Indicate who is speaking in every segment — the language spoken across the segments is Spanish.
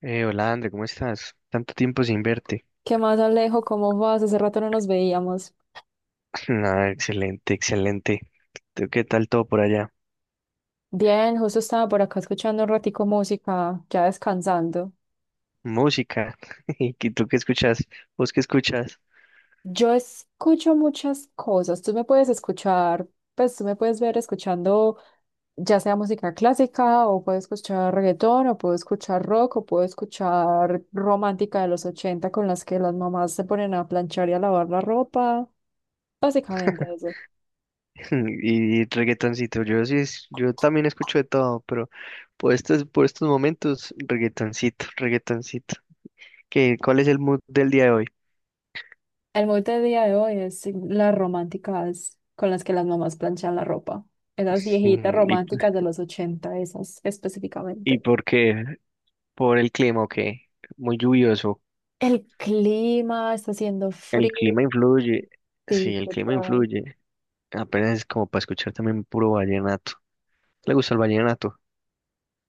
Speaker 1: Hola, André, ¿cómo estás? Tanto tiempo sin verte.
Speaker 2: ¿Qué más, Alejo? ¿Cómo vas? Hace rato no nos veíamos.
Speaker 1: Ah, excelente, excelente. ¿Tú qué tal todo por allá?
Speaker 2: Bien, justo estaba por acá escuchando un ratico música, ya descansando.
Speaker 1: Música. ¿Y tú qué escuchas? ¿Vos qué escuchas?
Speaker 2: Yo escucho muchas cosas. Tú me puedes escuchar, pues tú me puedes ver escuchando ya sea música clásica o puedo escuchar reggaetón o puedo escuchar rock o puedo escuchar romántica de los 80 con las que las mamás se ponen a planchar y a lavar la ropa. Básicamente eso.
Speaker 1: Y reggaetoncito. Yo sí, yo también escucho de todo, pero por estos momentos, reggaetoncito, reggaetoncito. ¿Qué, cuál es el mood del día de hoy?
Speaker 2: El mood del día de hoy es las románticas con las que las mamás planchan la ropa. Esas viejitas
Speaker 1: Mm, ¿Y,
Speaker 2: románticas de los 80 esas
Speaker 1: y
Speaker 2: específicamente.
Speaker 1: por qué? ¿Por el clima o qué? Muy lluvioso.
Speaker 2: El clima está haciendo
Speaker 1: El
Speaker 2: frío.
Speaker 1: clima influye. Sí,
Speaker 2: Sí,
Speaker 1: el clima
Speaker 2: total.
Speaker 1: influye. Apenas es como para escuchar también puro vallenato. ¿Le gusta el vallenato?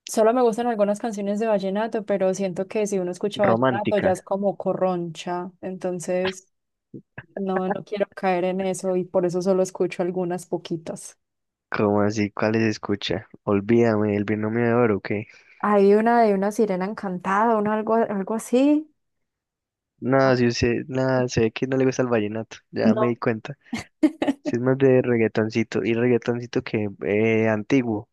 Speaker 2: Solo me gustan algunas canciones de vallenato, pero siento que si uno escucha vallenato ya
Speaker 1: Romántica.
Speaker 2: es como corroncha. Entonces, no quiero caer en eso y por eso solo escucho algunas poquitas.
Speaker 1: ¿Cómo así? ¿Cuáles escucha? Olvídame, el binomio de oro, ¿o qué?
Speaker 2: Hay una de una sirena encantada, uno algo, algo así. Ah,
Speaker 1: No, si usted, nada, se ve que no le gusta el vallenato, ya me di
Speaker 2: no.
Speaker 1: cuenta. Si es más de reggaetoncito, y reggaetoncito que antiguo,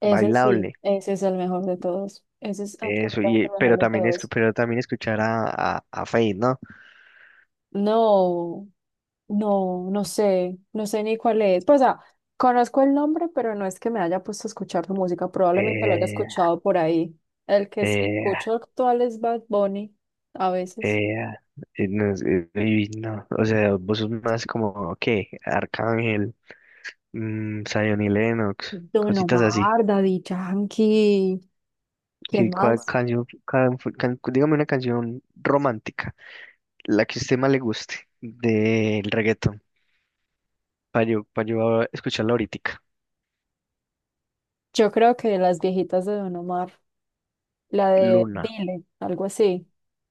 Speaker 2: Ese sí,
Speaker 1: bailable,
Speaker 2: ese es el mejor de todos. Ese es
Speaker 1: eso,
Speaker 2: absolutamente
Speaker 1: y
Speaker 2: el mejor
Speaker 1: pero
Speaker 2: de
Speaker 1: también es,
Speaker 2: todos.
Speaker 1: pero también escuchar a Feid, ¿no?
Speaker 2: No, no sé, no sé ni cuál es. Pues, o sea, conozco el nombre, pero no es que me haya puesto a escuchar su música. Probablemente lo haya
Speaker 1: Eh,
Speaker 2: escuchado por ahí. El que
Speaker 1: eh,
Speaker 2: escucho actual es Bad Bunny, a veces.
Speaker 1: eh, no, uy, no, o sea, vos sos más como, ¿qué? Arcángel. Mm, Zion y Lennox,
Speaker 2: Don
Speaker 1: cositas así.
Speaker 2: Omar, Daddy Yankee. ¿Quién
Speaker 1: ¿Y cuál
Speaker 2: más?
Speaker 1: canción, dígame una canción romántica, la que a usted más le guste del reggaetón, para yo, pa' yo escucharla ahorita.
Speaker 2: Yo creo que las viejitas de Don Omar. La de
Speaker 1: Luna.
Speaker 2: Dile, algo así,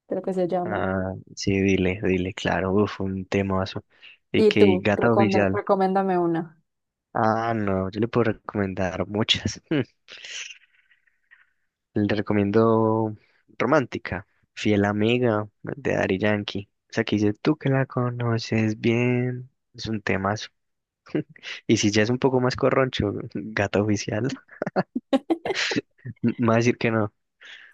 Speaker 2: creo que se llama.
Speaker 1: Ah, sí, dile, dile, claro, uf, un temazo. Y
Speaker 2: Y
Speaker 1: que
Speaker 2: tú,
Speaker 1: Gata Oficial.
Speaker 2: recomiéndame una.
Speaker 1: Ah, no, yo le puedo recomendar muchas. Le recomiendo Romántica, Fiel Amiga, de Daddy Yankee. O sea, que dice, tú que la conoces bien. Es un tema. Y si ya es un poco más corroncho, gato oficial, me va a decir que no.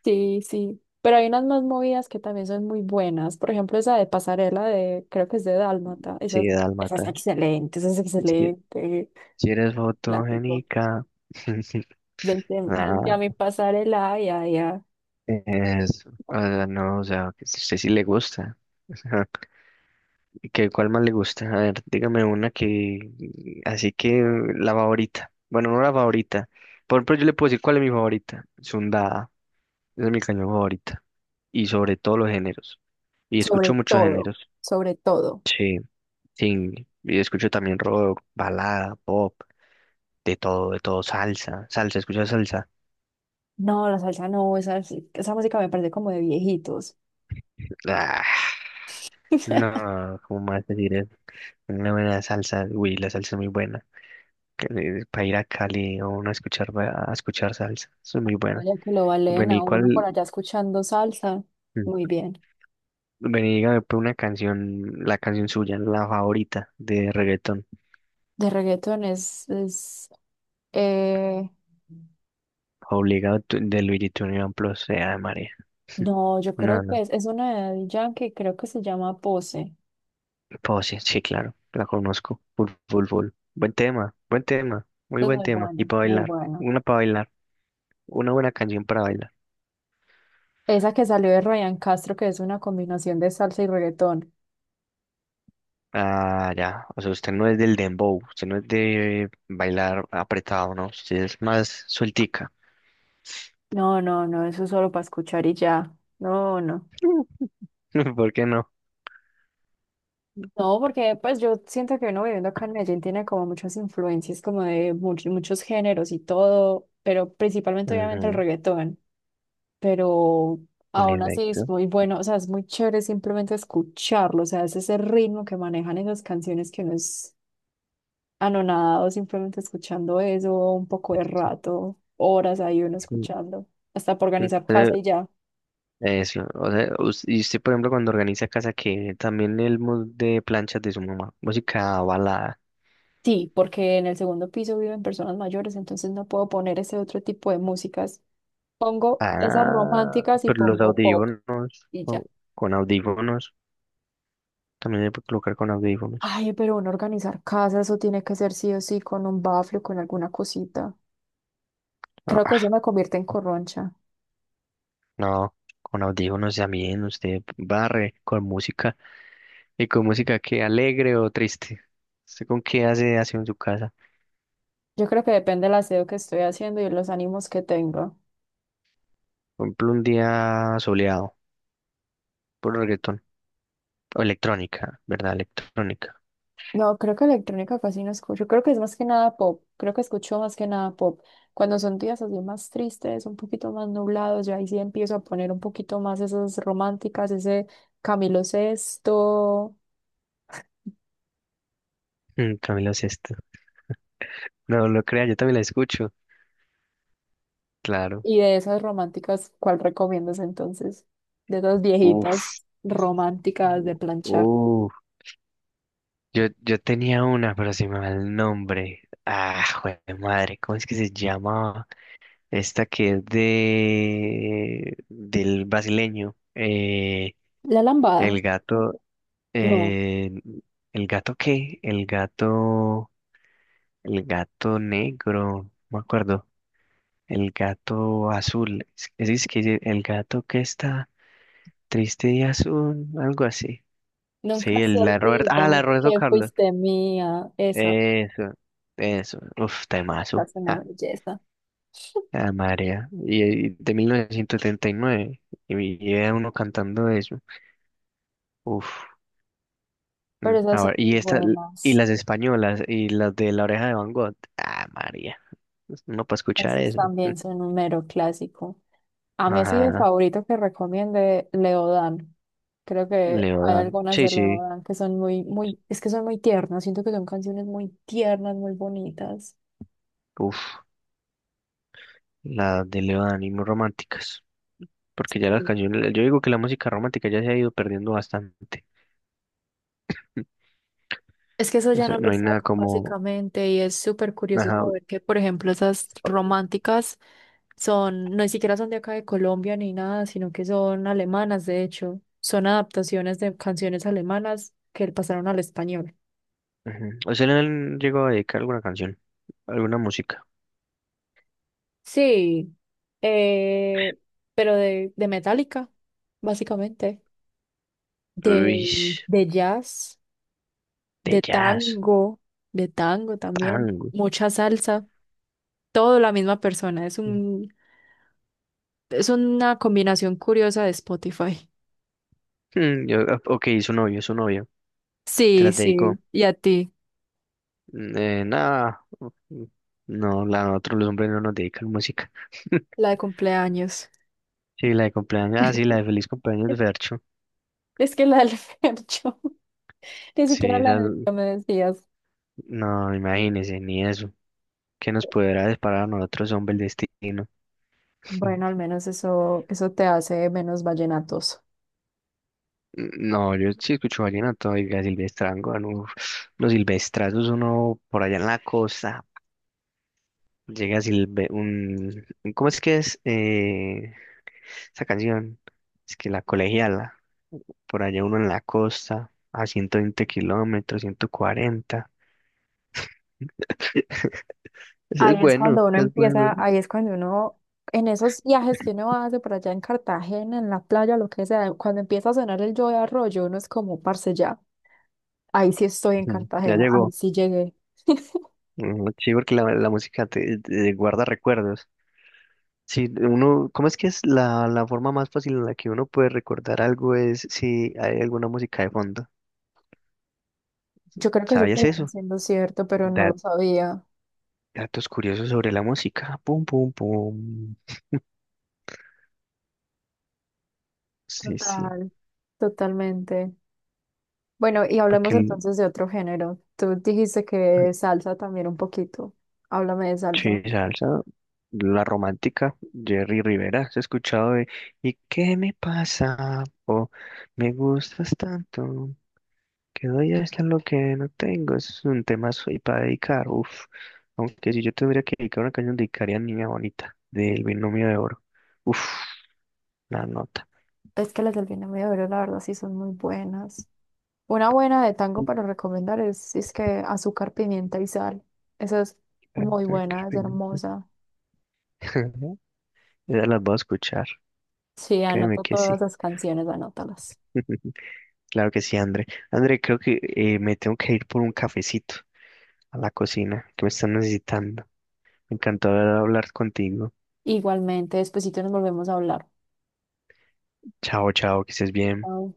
Speaker 2: Sí, sí. Pero hay unas más movidas que también son muy buenas. Por ejemplo, esa de pasarela de, creo que es de Dálmata. Esa,
Speaker 1: Sí,
Speaker 2: esa es
Speaker 1: dálmata.
Speaker 2: excelente, esa es
Speaker 1: Es que
Speaker 2: excelente.
Speaker 1: si eres
Speaker 2: Clásico.
Speaker 1: fotogénica.
Speaker 2: Vente, vente a
Speaker 1: Nada
Speaker 2: mi pasarela, ya, ya.
Speaker 1: es, o sea, no, o sea, que a usted sí le gusta. Ajá. ¿Qué, cuál más le gusta? A ver, dígame una que, así que la favorita. Bueno, no la favorita. Por ejemplo, yo le puedo decir cuál es mi favorita. Sundada. Esa es mi cañón favorita. Y sobre todos los géneros. Y escucho
Speaker 2: Sobre
Speaker 1: muchos
Speaker 2: todo,
Speaker 1: géneros.
Speaker 2: sobre todo.
Speaker 1: Sí. Sí, y escucho también rock, balada, pop, de todo, salsa, salsa, escucho salsa.
Speaker 2: No, la salsa no, esa música me parece como de viejitos.
Speaker 1: Ah, no, ¿cómo más decir eso? Una buena salsa, uy, la salsa es muy buena. Para ir a Cali o uno a escuchar, a escuchar salsa, eso es muy buena.
Speaker 2: Vaya que lo valen
Speaker 1: Bueno, ¿y
Speaker 2: a uno por
Speaker 1: cuál?
Speaker 2: allá escuchando salsa.
Speaker 1: Mm,
Speaker 2: Muy bien.
Speaker 1: Vení, dígame pues, una canción, la canción suya, la favorita de reggaetón,
Speaker 2: De reggaetón es, eh,
Speaker 1: obligado de Luigi Tunión Plus, sea de María.
Speaker 2: no, yo
Speaker 1: No,
Speaker 2: creo
Speaker 1: no.
Speaker 2: que es una de Daddy Yankee, creo que se llama Pose.
Speaker 1: Pues sí, sí, claro, la conozco. Full, full, full. Buen tema, muy
Speaker 2: Es
Speaker 1: buen
Speaker 2: muy
Speaker 1: tema. Y
Speaker 2: bueno, muy bueno.
Speaker 1: para bailar, una buena canción para bailar.
Speaker 2: Esa que salió de Ryan Castro, que es una combinación de salsa y reggaetón.
Speaker 1: Ah, ya, o sea, usted no es del dembow, usted no es de bailar apretado, ¿no? Usted es más sueltica.
Speaker 2: No, eso es solo para escuchar y ya. No, no.
Speaker 1: ¿Por qué no?
Speaker 2: No, porque pues yo siento que uno viviendo acá en Medellín tiene como muchas influencias, como de muchos géneros y todo, pero principalmente obviamente el
Speaker 1: Ujú,
Speaker 2: reggaetón. Pero
Speaker 1: en
Speaker 2: aún así es
Speaker 1: efecto.
Speaker 2: muy bueno, o sea, es muy chévere simplemente escucharlo, o sea, es ese ritmo que manejan esas canciones que uno es anonadado simplemente escuchando eso un poco de rato, horas ahí uno
Speaker 1: Sí.
Speaker 2: escuchando, hasta para
Speaker 1: Mm,
Speaker 2: organizar
Speaker 1: eh,
Speaker 2: casa y ya.
Speaker 1: Eso, o sea, y usted, por ejemplo, cuando organiza casa, que también el mood de planchas de su mamá, música balada.
Speaker 2: Sí, porque en el segundo piso viven personas mayores, entonces no puedo poner ese otro tipo de músicas. Pongo esas
Speaker 1: Ah,
Speaker 2: románticas y
Speaker 1: pero los
Speaker 2: pongo pop
Speaker 1: audífonos,
Speaker 2: y
Speaker 1: con,
Speaker 2: ya.
Speaker 1: con audífonos, también se puede colocar con audífonos.
Speaker 2: Ay, pero uno organizar casa, eso tiene que ser sí o sí con un bafle o con alguna cosita.
Speaker 1: Ah,
Speaker 2: Creo que eso
Speaker 1: ah,
Speaker 2: me convierte en corroncha.
Speaker 1: no, con audífonos también, usted barre con música, y con música que alegre o triste. ¿Usted con qué hace aseo en su casa?
Speaker 2: Yo creo que depende del aseo que estoy haciendo y los ánimos que tengo.
Speaker 1: Por ejemplo, un día soleado, por reggaetón, o electrónica, ¿verdad? Electrónica.
Speaker 2: No, creo que electrónica casi no escucho. Creo que es más que nada pop. Creo que escucho más que nada pop. Cuando son días así más tristes, un poquito más nublados, yo ahí sí empiezo a poner un poquito más esas románticas, ese Camilo Sesto
Speaker 1: Mm, Camilo Sesto. No lo crea, yo también la escucho, claro.
Speaker 2: y de esas románticas, ¿cuál recomiendas entonces? De esas viejitas
Speaker 1: Uf,
Speaker 2: románticas de planchar.
Speaker 1: Yo tenía una, pero se me va el nombre. Ah, jue de madre, ¿cómo es que se llamaba? Esta que es de del brasileño.
Speaker 2: La lambada.
Speaker 1: El gato,
Speaker 2: No,
Speaker 1: eh, ¿El gato qué? El gato negro, no me acuerdo. El gato azul. Es que dice, el gato que está triste y azul, algo así. Sí,
Speaker 2: nunca se
Speaker 1: el la de
Speaker 2: olvida
Speaker 1: Roberto
Speaker 2: que
Speaker 1: Carlos.
Speaker 2: fuiste mía. Esa,
Speaker 1: Eso, eso. Uf,
Speaker 2: esa
Speaker 1: temazo.
Speaker 2: es una
Speaker 1: Ja,
Speaker 2: belleza.
Speaker 1: la marea. Y de 1979. Y nueve. Y y era uno cantando eso. Uf.
Speaker 2: Pero esas
Speaker 1: A
Speaker 2: son
Speaker 1: ver, y esta, y
Speaker 2: buenas.
Speaker 1: las españolas, y las de La Oreja de Van Gogh. Ah, María. No para escuchar
Speaker 2: Esos
Speaker 1: eso. Mm.
Speaker 2: también son un mero clásico. A mí así de
Speaker 1: Ajá.
Speaker 2: favorito que recomiende Leodan. Creo que hay
Speaker 1: Leodan.
Speaker 2: algunas
Speaker 1: Sí,
Speaker 2: de
Speaker 1: sí.
Speaker 2: Leodan que son muy, muy, es que son muy tiernas. Siento que son canciones muy tiernas, muy bonitas.
Speaker 1: Uf. Las de Leodan y muy románticas. Porque ya las
Speaker 2: Sí.
Speaker 1: canciones, yo digo que la música romántica ya se ha ido perdiendo bastante.
Speaker 2: Es que eso ya
Speaker 1: Eso,
Speaker 2: no lo
Speaker 1: no hay nada
Speaker 2: sacan
Speaker 1: como,
Speaker 2: básicamente y es súper curioso
Speaker 1: ajá,
Speaker 2: saber que, por ejemplo, esas románticas son, no ni siquiera son de acá de Colombia ni nada, sino que son alemanas, de hecho. Son adaptaciones de canciones alemanas que pasaron al español.
Speaker 1: ujú. ¿Usted le llegó a dedicar alguna canción? ¿Alguna música?
Speaker 2: Sí, eh, pero de Metallica, básicamente,
Speaker 1: Uy,
Speaker 2: de, de jazz,
Speaker 1: de
Speaker 2: de
Speaker 1: jazz,
Speaker 2: tango, de tango también,
Speaker 1: tango.
Speaker 2: mucha salsa, todo la misma persona, es una combinación curiosa de Spotify.
Speaker 1: Mm, ah, ok, su novio, su novio. ¿Te
Speaker 2: Sí,
Speaker 1: las dedicó?
Speaker 2: sí, y a ti,
Speaker 1: Mm, nada. No, la nosotros los hombres no nos dedican música.
Speaker 2: la de cumpleaños.
Speaker 1: Sí, la de cumpleaños. Ah, sí, la de feliz cumpleaños de Fercho.
Speaker 2: Es que la del Fercho, ni
Speaker 1: Sí,
Speaker 2: siquiera la
Speaker 1: esa.
Speaker 2: de que me decías.
Speaker 1: No, imagínese, ni eso. ¿Qué nos podrá disparar a nosotros, hombre, el destino?
Speaker 2: Bueno, al menos eso, eso te hace menos vallenatos.
Speaker 1: No, yo sí escucho vallenato y a Silvestrango, no, los silvestrazos uno por allá en la costa, llega Silve, un, ¿cómo es que es esa canción? Es que la colegiala, por allá uno en la costa, a 120 kilómetros, 140 eso
Speaker 2: Ahí es cuando uno
Speaker 1: es bueno,
Speaker 2: empieza, ahí es cuando uno, en esos viajes que uno hace por allá en Cartagena, en la playa, lo que sea, cuando empieza a sonar el Yo de Arroyo, uno es como, parce, ya, ahí sí estoy en
Speaker 1: ujú, ya
Speaker 2: Cartagena, ahí
Speaker 1: llegó,
Speaker 2: sí llegué.
Speaker 1: ujú, sí, porque la música te guarda recuerdos, si uno, ¿cómo es que es la forma más fácil en la que uno puede recordar algo es si hay alguna música de fondo?
Speaker 2: Yo creo que eso
Speaker 1: ¿Sabías
Speaker 2: termina
Speaker 1: eso?
Speaker 2: siendo cierto, pero no
Speaker 1: Da-
Speaker 2: lo sabía.
Speaker 1: datos curiosos sobre la música. Pum, pum, pum. Sí, sí.
Speaker 2: Total, totalmente. Bueno, y
Speaker 1: Para
Speaker 2: hablemos
Speaker 1: que el
Speaker 2: entonces de otro género. Tú dijiste que salsa también un poquito. Háblame de salsa.
Speaker 1: sí, salsa, la romántica, Jerry Rivera, ¿has escuchado de ¿Y qué me pasa? O me gustas tanto. Que doy hasta lo que no tengo, eso es un tema soy para dedicar, uff. Aunque si yo tendría que dedicar una canción, dedicaría a Niña Bonita, del Binomio de Oro. Uff, la nota.
Speaker 2: Es que las del Vietnam y la verdad, sí son muy buenas. Una buena de tango
Speaker 1: Y
Speaker 2: para recomendar es, si es que azúcar, pimienta y sal. Esa es muy
Speaker 1: Carter
Speaker 2: buena, es
Speaker 1: Carpenter.
Speaker 2: hermosa.
Speaker 1: Ya las voy a escuchar,
Speaker 2: Sí,
Speaker 1: créeme
Speaker 2: anoto
Speaker 1: que
Speaker 2: todas
Speaker 1: sí.
Speaker 2: las canciones, anótalas.
Speaker 1: Claro que sí, André. André, creo que me tengo que ir por un cafecito a la cocina, que me están necesitando. Me encantó hablar contigo.
Speaker 2: Igualmente, despuesito nos volvemos a hablar.
Speaker 1: Chao, chao, que estés bien.
Speaker 2: Chao.